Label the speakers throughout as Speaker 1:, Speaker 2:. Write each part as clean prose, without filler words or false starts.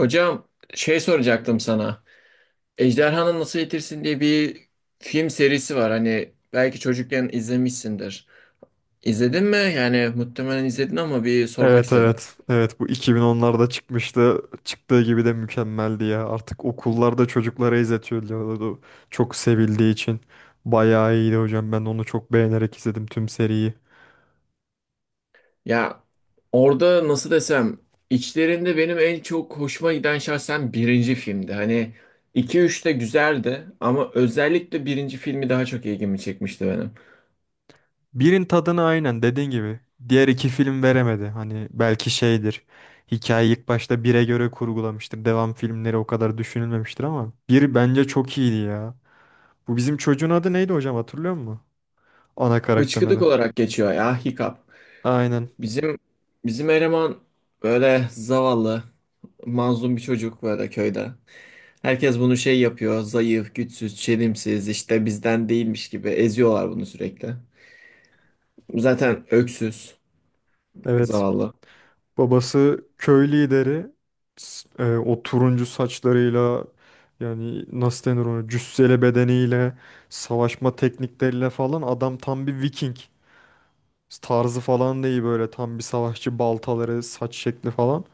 Speaker 1: Hocam şey soracaktım sana. Ejderhanı Nasıl Eğitirsin diye bir film serisi var. Hani belki çocukken izlemişsindir. İzledin mi? Yani muhtemelen izledin ama bir sormak
Speaker 2: Evet,
Speaker 1: istedim.
Speaker 2: evet. Evet, bu 2010'larda çıkmıştı. Çıktığı gibi de mükemmeldi ya. Artık okullarda çocuklara izletiyorlardı. Çok sevildiği için. Bayağı iyiydi hocam. Ben onu çok beğenerek izledim tüm seriyi.
Speaker 1: Ya orada nasıl desem içlerinde benim en çok hoşuma giden şahsen birinci filmdi. Hani iki üç de güzeldi ama özellikle birinci filmi daha çok ilgimi çekmişti benim.
Speaker 2: Birin tadını aynen dediğin gibi. Diğer iki film veremedi. Hani belki şeydir. Hikayeyi ilk başta bire göre kurgulamıştır. Devam filmleri o kadar düşünülmemiştir ama bir bence çok iyiydi ya. Bu bizim çocuğun adı neydi hocam, hatırlıyor musun? Ana karakterin
Speaker 1: Hıçkıdık
Speaker 2: adı.
Speaker 1: olarak geçiyor ya Hiccup.
Speaker 2: Aynen.
Speaker 1: Bizim bizim eleman böyle zavallı, mazlum bir çocuk böyle köyde. Herkes bunu şey yapıyor, zayıf, güçsüz, çelimsiz, işte bizden değilmiş gibi eziyorlar bunu sürekli. Zaten öksüz,
Speaker 2: Evet.
Speaker 1: zavallı.
Speaker 2: Babası köy lideri. O turuncu saçlarıyla, yani nasıl denir, ona cüsseli bedeniyle, savaşma teknikleriyle falan adam tam bir Viking tarzı falan değil, böyle tam bir savaşçı, baltaları, saç şekli falan.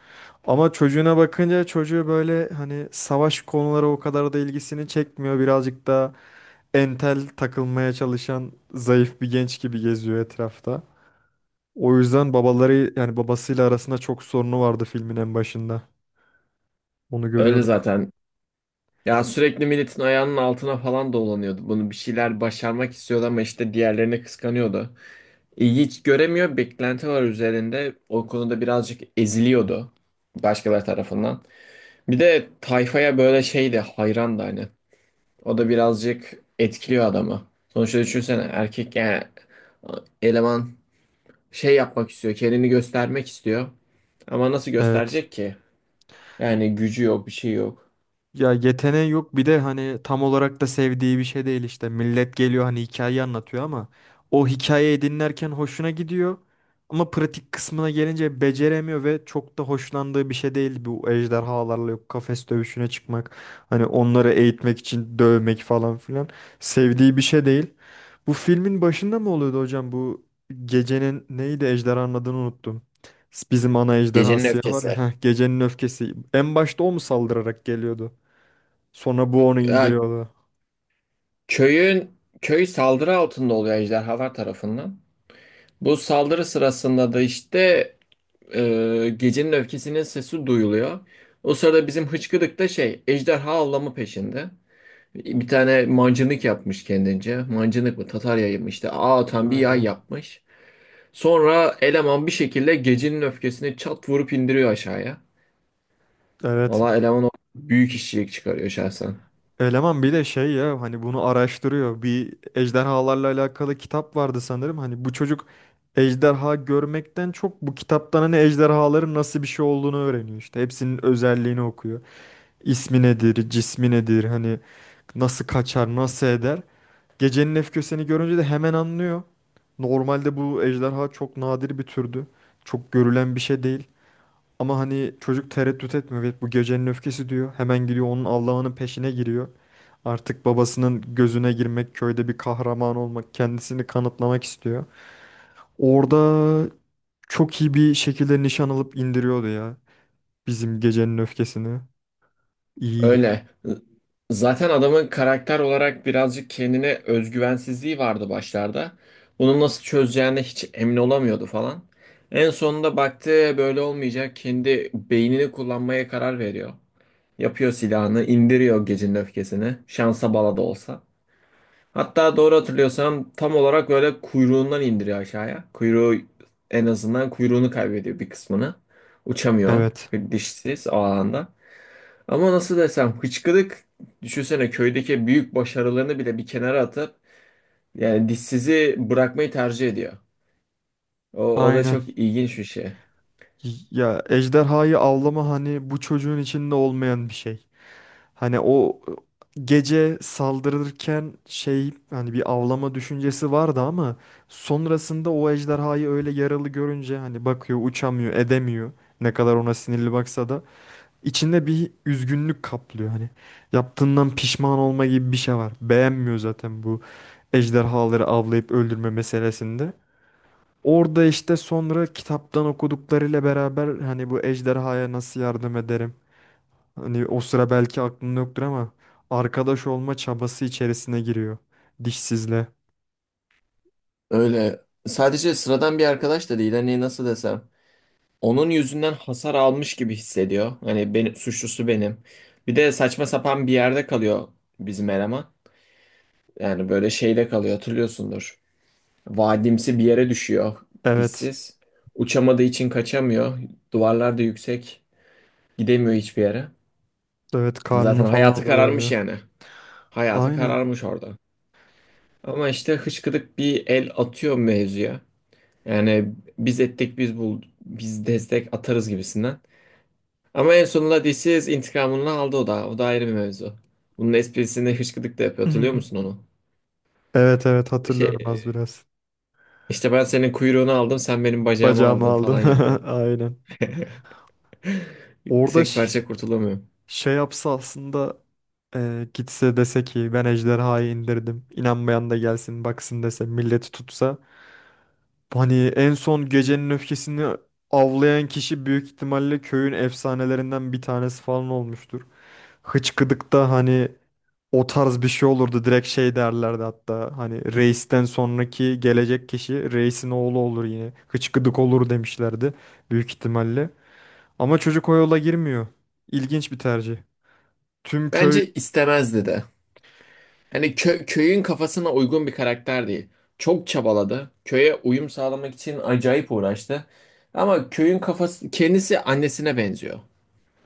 Speaker 2: Ama çocuğuna bakınca, çocuğu böyle hani savaş konuları o kadar da ilgisini çekmiyor. Birazcık da entel takılmaya çalışan zayıf bir genç gibi geziyor etrafta. O yüzden babaları, yani babasıyla arasında çok sorunu vardı filmin en başında. Onu
Speaker 1: Öyle
Speaker 2: görüyorduk.
Speaker 1: zaten. Ya sürekli milletin ayağının altına falan dolanıyordu. Bunu bir şeyler başarmak istiyordu ama işte diğerlerine kıskanıyordu. İlgi hiç göremiyor, beklenti var üzerinde. O konuda birazcık eziliyordu başkaları tarafından. Bir de tayfaya böyle şey de hayran da hani. O da birazcık etkiliyor adamı. Sonuçta düşünsene erkek yani eleman şey yapmak istiyor. Kendini göstermek istiyor. Ama nasıl
Speaker 2: Evet.
Speaker 1: gösterecek ki? Yani gücü yok, bir şey yok.
Speaker 2: Ya yeteneği yok, bir de hani tam olarak da sevdiği bir şey değil işte. Millet geliyor hani hikayeyi anlatıyor ama o hikayeyi dinlerken hoşuna gidiyor. Ama pratik kısmına gelince beceremiyor ve çok da hoşlandığı bir şey değil bu ejderhalarla yok kafes dövüşüne çıkmak. Hani onları eğitmek için dövmek falan filan, sevdiği bir şey değil. Bu filmin başında mı oluyordu hocam, bu gecenin neydi, ejderhanın adını unuttum. Bizim ana ejderha
Speaker 1: Gecenin
Speaker 2: siyah var ya.
Speaker 1: öfkesi.
Speaker 2: Heh, gecenin öfkesi. En başta o mu saldırarak geliyordu? Sonra bu onu
Speaker 1: Ya
Speaker 2: indiriyordu.
Speaker 1: köyün köy saldırı altında oluyor ejderhalar tarafından. Bu saldırı sırasında da işte gecenin öfkesinin sesi duyuluyor. O sırada bizim hıçkıdık da şey ejderha avlamı peşinde. Bir tane mancınık yapmış kendince. Mancınık mı? Tatarya mı işte. Ağ atan bir yay
Speaker 2: Aynen.
Speaker 1: yapmış. Sonra eleman bir şekilde gecenin öfkesini çat vurup indiriyor aşağıya.
Speaker 2: Evet.
Speaker 1: Valla eleman o büyük işçilik çıkarıyor şahsen.
Speaker 2: Eleman bir de şey ya, hani bunu araştırıyor. Bir ejderhalarla alakalı kitap vardı sanırım. Hani bu çocuk ejderha görmekten çok bu kitaptan hani ejderhaların nasıl bir şey olduğunu öğreniyor işte. Hepsinin özelliğini okuyor. İsmi nedir, cismi nedir, hani nasıl kaçar, nasıl eder. Gecenin öfkesini görünce de hemen anlıyor. Normalde bu ejderha çok nadir bir türdü. Çok görülen bir şey değil. Ama hani çocuk tereddüt etmiyor. Evet, bu gecenin öfkesi diyor. Hemen gidiyor, onun Allah'ının peşine giriyor. Artık babasının gözüne girmek, köyde bir kahraman olmak, kendisini kanıtlamak istiyor. Orada çok iyi bir şekilde nişan alıp indiriyordu ya bizim gecenin öfkesini. İyiydi.
Speaker 1: Öyle. Zaten adamın karakter olarak birazcık kendine özgüvensizliği vardı başlarda. Bunu nasıl çözeceğine hiç emin olamıyordu falan. En sonunda baktı böyle olmayacak. Kendi beynini kullanmaya karar veriyor. Yapıyor silahını, indiriyor gecenin öfkesini. Şansa bala da olsa. Hatta doğru hatırlıyorsam tam olarak böyle kuyruğundan indiriyor aşağıya. En azından kuyruğunu kaybediyor bir kısmını. Uçamıyor
Speaker 2: Evet.
Speaker 1: dişsiz o alanda. Ama nasıl desem hıçkırık düşünsene köydeki büyük başarılarını bile bir kenara atıp yani dişsizi bırakmayı tercih ediyor. O, o da
Speaker 2: Aynen.
Speaker 1: çok ilginç bir şey.
Speaker 2: Ya ejderhayı avlama hani bu çocuğun içinde olmayan bir şey. Hani o gece saldırırken şey hani bir avlama düşüncesi vardı ama sonrasında o ejderhayı öyle yaralı görünce hani bakıyor, uçamıyor, edemiyor. Ne kadar ona sinirli baksa da içinde bir üzgünlük kaplıyor hani. Yaptığından pişman olma gibi bir şey var. Beğenmiyor zaten bu ejderhaları avlayıp öldürme meselesinde. Orada işte sonra kitaptan okuduklarıyla beraber hani bu ejderhaya nasıl yardım ederim? Hani o sıra belki aklında yoktur ama arkadaş olma çabası içerisine giriyor. Dişsizle.
Speaker 1: Öyle sadece sıradan bir arkadaş da değil hani nasıl desem. Onun yüzünden hasar almış gibi hissediyor. Hani benim suçlusu benim. Bir de saçma sapan bir yerde kalıyor bizim eleman. Yani böyle şeyde kalıyor hatırlıyorsundur. Vadimsi bir yere düşüyor
Speaker 2: Evet.
Speaker 1: dişsiz. Uçamadığı için kaçamıyor. Duvarlar da yüksek. Gidemiyor hiçbir yere.
Speaker 2: Evet, karnını
Speaker 1: Zaten
Speaker 2: falan
Speaker 1: hayatı kararmış
Speaker 2: doyuramıyor.
Speaker 1: yani. Hayatı
Speaker 2: Aynen.
Speaker 1: kararmış orada. Ama işte hıçkıdık bir el atıyor mevzuya. Yani biz ettik biz bul biz destek atarız gibisinden. Ama en sonunda DC's intikamını aldı o da. O da ayrı bir mevzu. Bunun esprisini hışkıdık da yapıyor. Hatırlıyor musun onu?
Speaker 2: Evet, evet,
Speaker 1: Şey,
Speaker 2: hatırlıyorum az biraz.
Speaker 1: işte ben senin kuyruğunu aldım, sen benim bacağımı
Speaker 2: Bacağımı
Speaker 1: aldın
Speaker 2: aldın.
Speaker 1: falan yapıyor.
Speaker 2: Aynen. Orada
Speaker 1: Tek
Speaker 2: ş-
Speaker 1: parça kurtulamıyor.
Speaker 2: Şey yapsa aslında. Gitse dese ki ben ejderhayı indirdim. İnanmayan da gelsin baksın dese, milleti tutsa. Hani en son gecenin öfkesini avlayan kişi büyük ihtimalle köyün efsanelerinden bir tanesi falan olmuştur. Hıçkıdık'ta hani o tarz bir şey olurdu. Direkt şey derlerdi hatta, hani reisten sonraki gelecek kişi reisin oğlu olur yine, Hıçkıdık olur demişlerdi büyük ihtimalle. Ama çocuk o yola girmiyor. İlginç bir tercih. Tüm köy,
Speaker 1: Bence istemezdi de. Hani köyün kafasına uygun bir karakter değil. Çok çabaladı. Köye uyum sağlamak için acayip uğraştı. Ama köyün kafası kendisi annesine benziyor.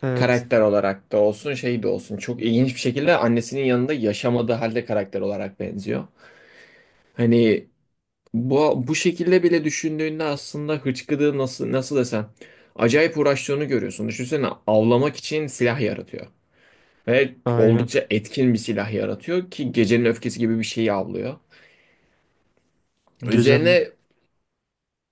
Speaker 2: evet,
Speaker 1: Karakter olarak da olsun şey de olsun çok ilginç bir şekilde annesinin yanında yaşamadığı halde karakter olarak benziyor. Hani bu şekilde bile düşündüğünde aslında hıçkıdığı nasıl desem acayip uğraştığını görüyorsun. Düşünsene avlamak için silah yaratıyor ve
Speaker 2: aynen.
Speaker 1: oldukça etkin bir silah yaratıyor ki gecenin öfkesi gibi bir şeyi avlıyor.
Speaker 2: Gecenin,
Speaker 1: Üzerine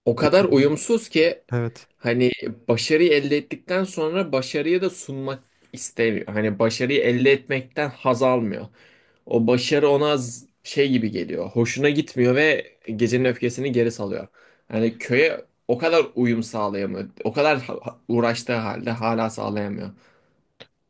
Speaker 1: o kadar uyumsuz ki
Speaker 2: evet.
Speaker 1: hani başarıyı elde ettikten sonra başarıyı da sunmak istemiyor. Hani başarıyı elde etmekten haz almıyor. O başarı ona az şey gibi geliyor. Hoşuna gitmiyor ve gecenin öfkesini geri salıyor. Yani köye o kadar uyum sağlayamıyor. O kadar uğraştığı halde hala sağlayamıyor.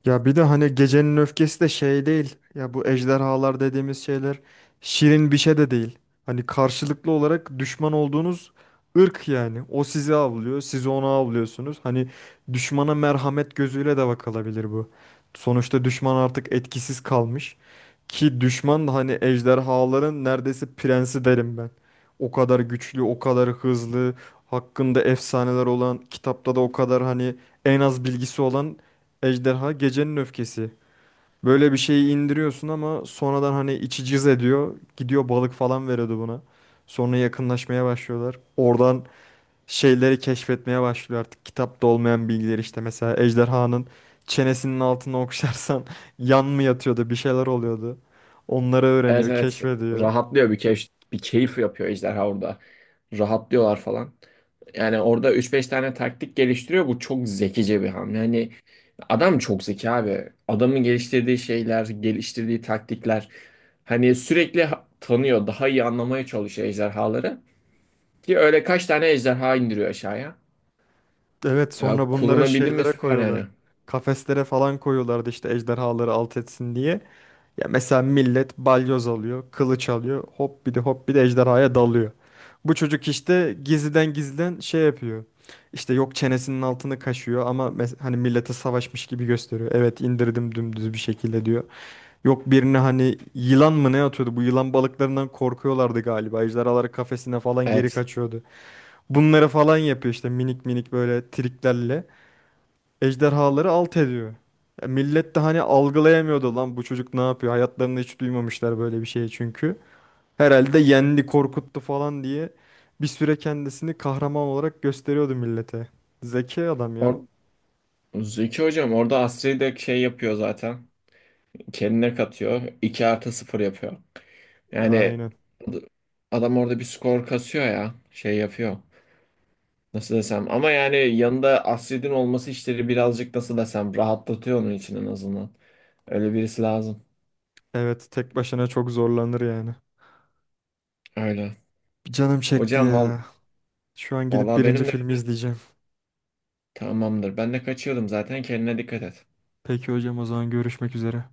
Speaker 2: Ya bir de hani gecenin öfkesi de şey değil. Ya bu ejderhalar dediğimiz şeyler şirin bir şey de değil. Hani karşılıklı olarak düşman olduğunuz ırk yani. O sizi avlıyor, siz onu avlıyorsunuz. Hani düşmana merhamet gözüyle de bakılabilir bu. Sonuçta düşman artık etkisiz kalmış. Ki düşman da hani ejderhaların neredeyse prensi derim ben. O kadar güçlü, o kadar hızlı, hakkında efsaneler olan, kitapta da o kadar hani en az bilgisi olan ejderha gecenin öfkesi. Böyle bir şeyi indiriyorsun ama sonradan hani içi cız ediyor. Gidiyor balık falan veriyordu buna. Sonra yakınlaşmaya başlıyorlar. Oradan şeyleri keşfetmeye başlıyor artık. Kitapta olmayan bilgileri işte, mesela ejderhanın çenesinin altına okşarsan yan mı yatıyordu, bir şeyler oluyordu. Onları
Speaker 1: Evet,
Speaker 2: öğreniyor,
Speaker 1: evet,
Speaker 2: keşfediyor.
Speaker 1: rahatlıyor bir keyif, bir keyif yapıyor ejderha orada. Rahatlıyorlar falan. Yani orada üç beş tane taktik geliştiriyor. Bu çok zekice bir hamle. Yani adam çok zeki abi. Adamın geliştirdiği şeyler, geliştirdiği taktikler. Hani sürekli tanıyor, daha iyi anlamaya çalışıyor ejderhaları. Ki öyle kaç tane ejderha indiriyor aşağıya.
Speaker 2: Evet,
Speaker 1: Ya
Speaker 2: sonra bunları
Speaker 1: kullanabildim mi
Speaker 2: şeylere
Speaker 1: süper
Speaker 2: koyuyorlar.
Speaker 1: yani.
Speaker 2: Kafeslere falan koyuyorlardı işte ejderhaları alt etsin diye. Ya mesela millet balyoz alıyor, kılıç alıyor, hop bir de hop bir de ejderhaya dalıyor. Bu çocuk işte gizliden gizliden şey yapıyor. İşte yok, çenesinin altını kaşıyor ama hani millete savaşmış gibi gösteriyor. Evet, indirdim dümdüz bir şekilde, diyor. Yok, birine hani yılan mı ne atıyordu? Bu yılan balıklarından korkuyorlardı galiba. Ejderhaları kafesine falan geri
Speaker 1: Evet.
Speaker 2: kaçıyordu. Bunları falan yapıyor işte, minik minik böyle triklerle ejderhaları alt ediyor. Ya millet de hani algılayamıyordu, lan bu çocuk ne yapıyor? Hayatlarında hiç duymamışlar böyle bir şey çünkü. Herhalde yendi, korkuttu falan diye bir süre kendisini kahraman olarak gösteriyordu millete. Zeki adam ya.
Speaker 1: Or Zeki hocam orada Asri'yi de şey yapıyor zaten. Kendine katıyor. 2 artı sıfır yapıyor. Yani
Speaker 2: Aynen.
Speaker 1: ad- adam orada bir skor kasıyor ya. Şey yapıyor. Nasıl desem. Ama yani yanında Asri'nin olması işleri birazcık nasıl desem rahatlatıyor onun için en azından. Öyle birisi lazım.
Speaker 2: Evet, tek başına çok zorlanır yani.
Speaker 1: Öyle.
Speaker 2: Canım çekti
Speaker 1: Hocam
Speaker 2: ya. Şu an gidip
Speaker 1: vallahi
Speaker 2: birinci
Speaker 1: benim de
Speaker 2: filmi izleyeceğim.
Speaker 1: tamamdır. Ben de kaçıyordum zaten. Kendine dikkat et.
Speaker 2: Peki hocam, o zaman görüşmek üzere.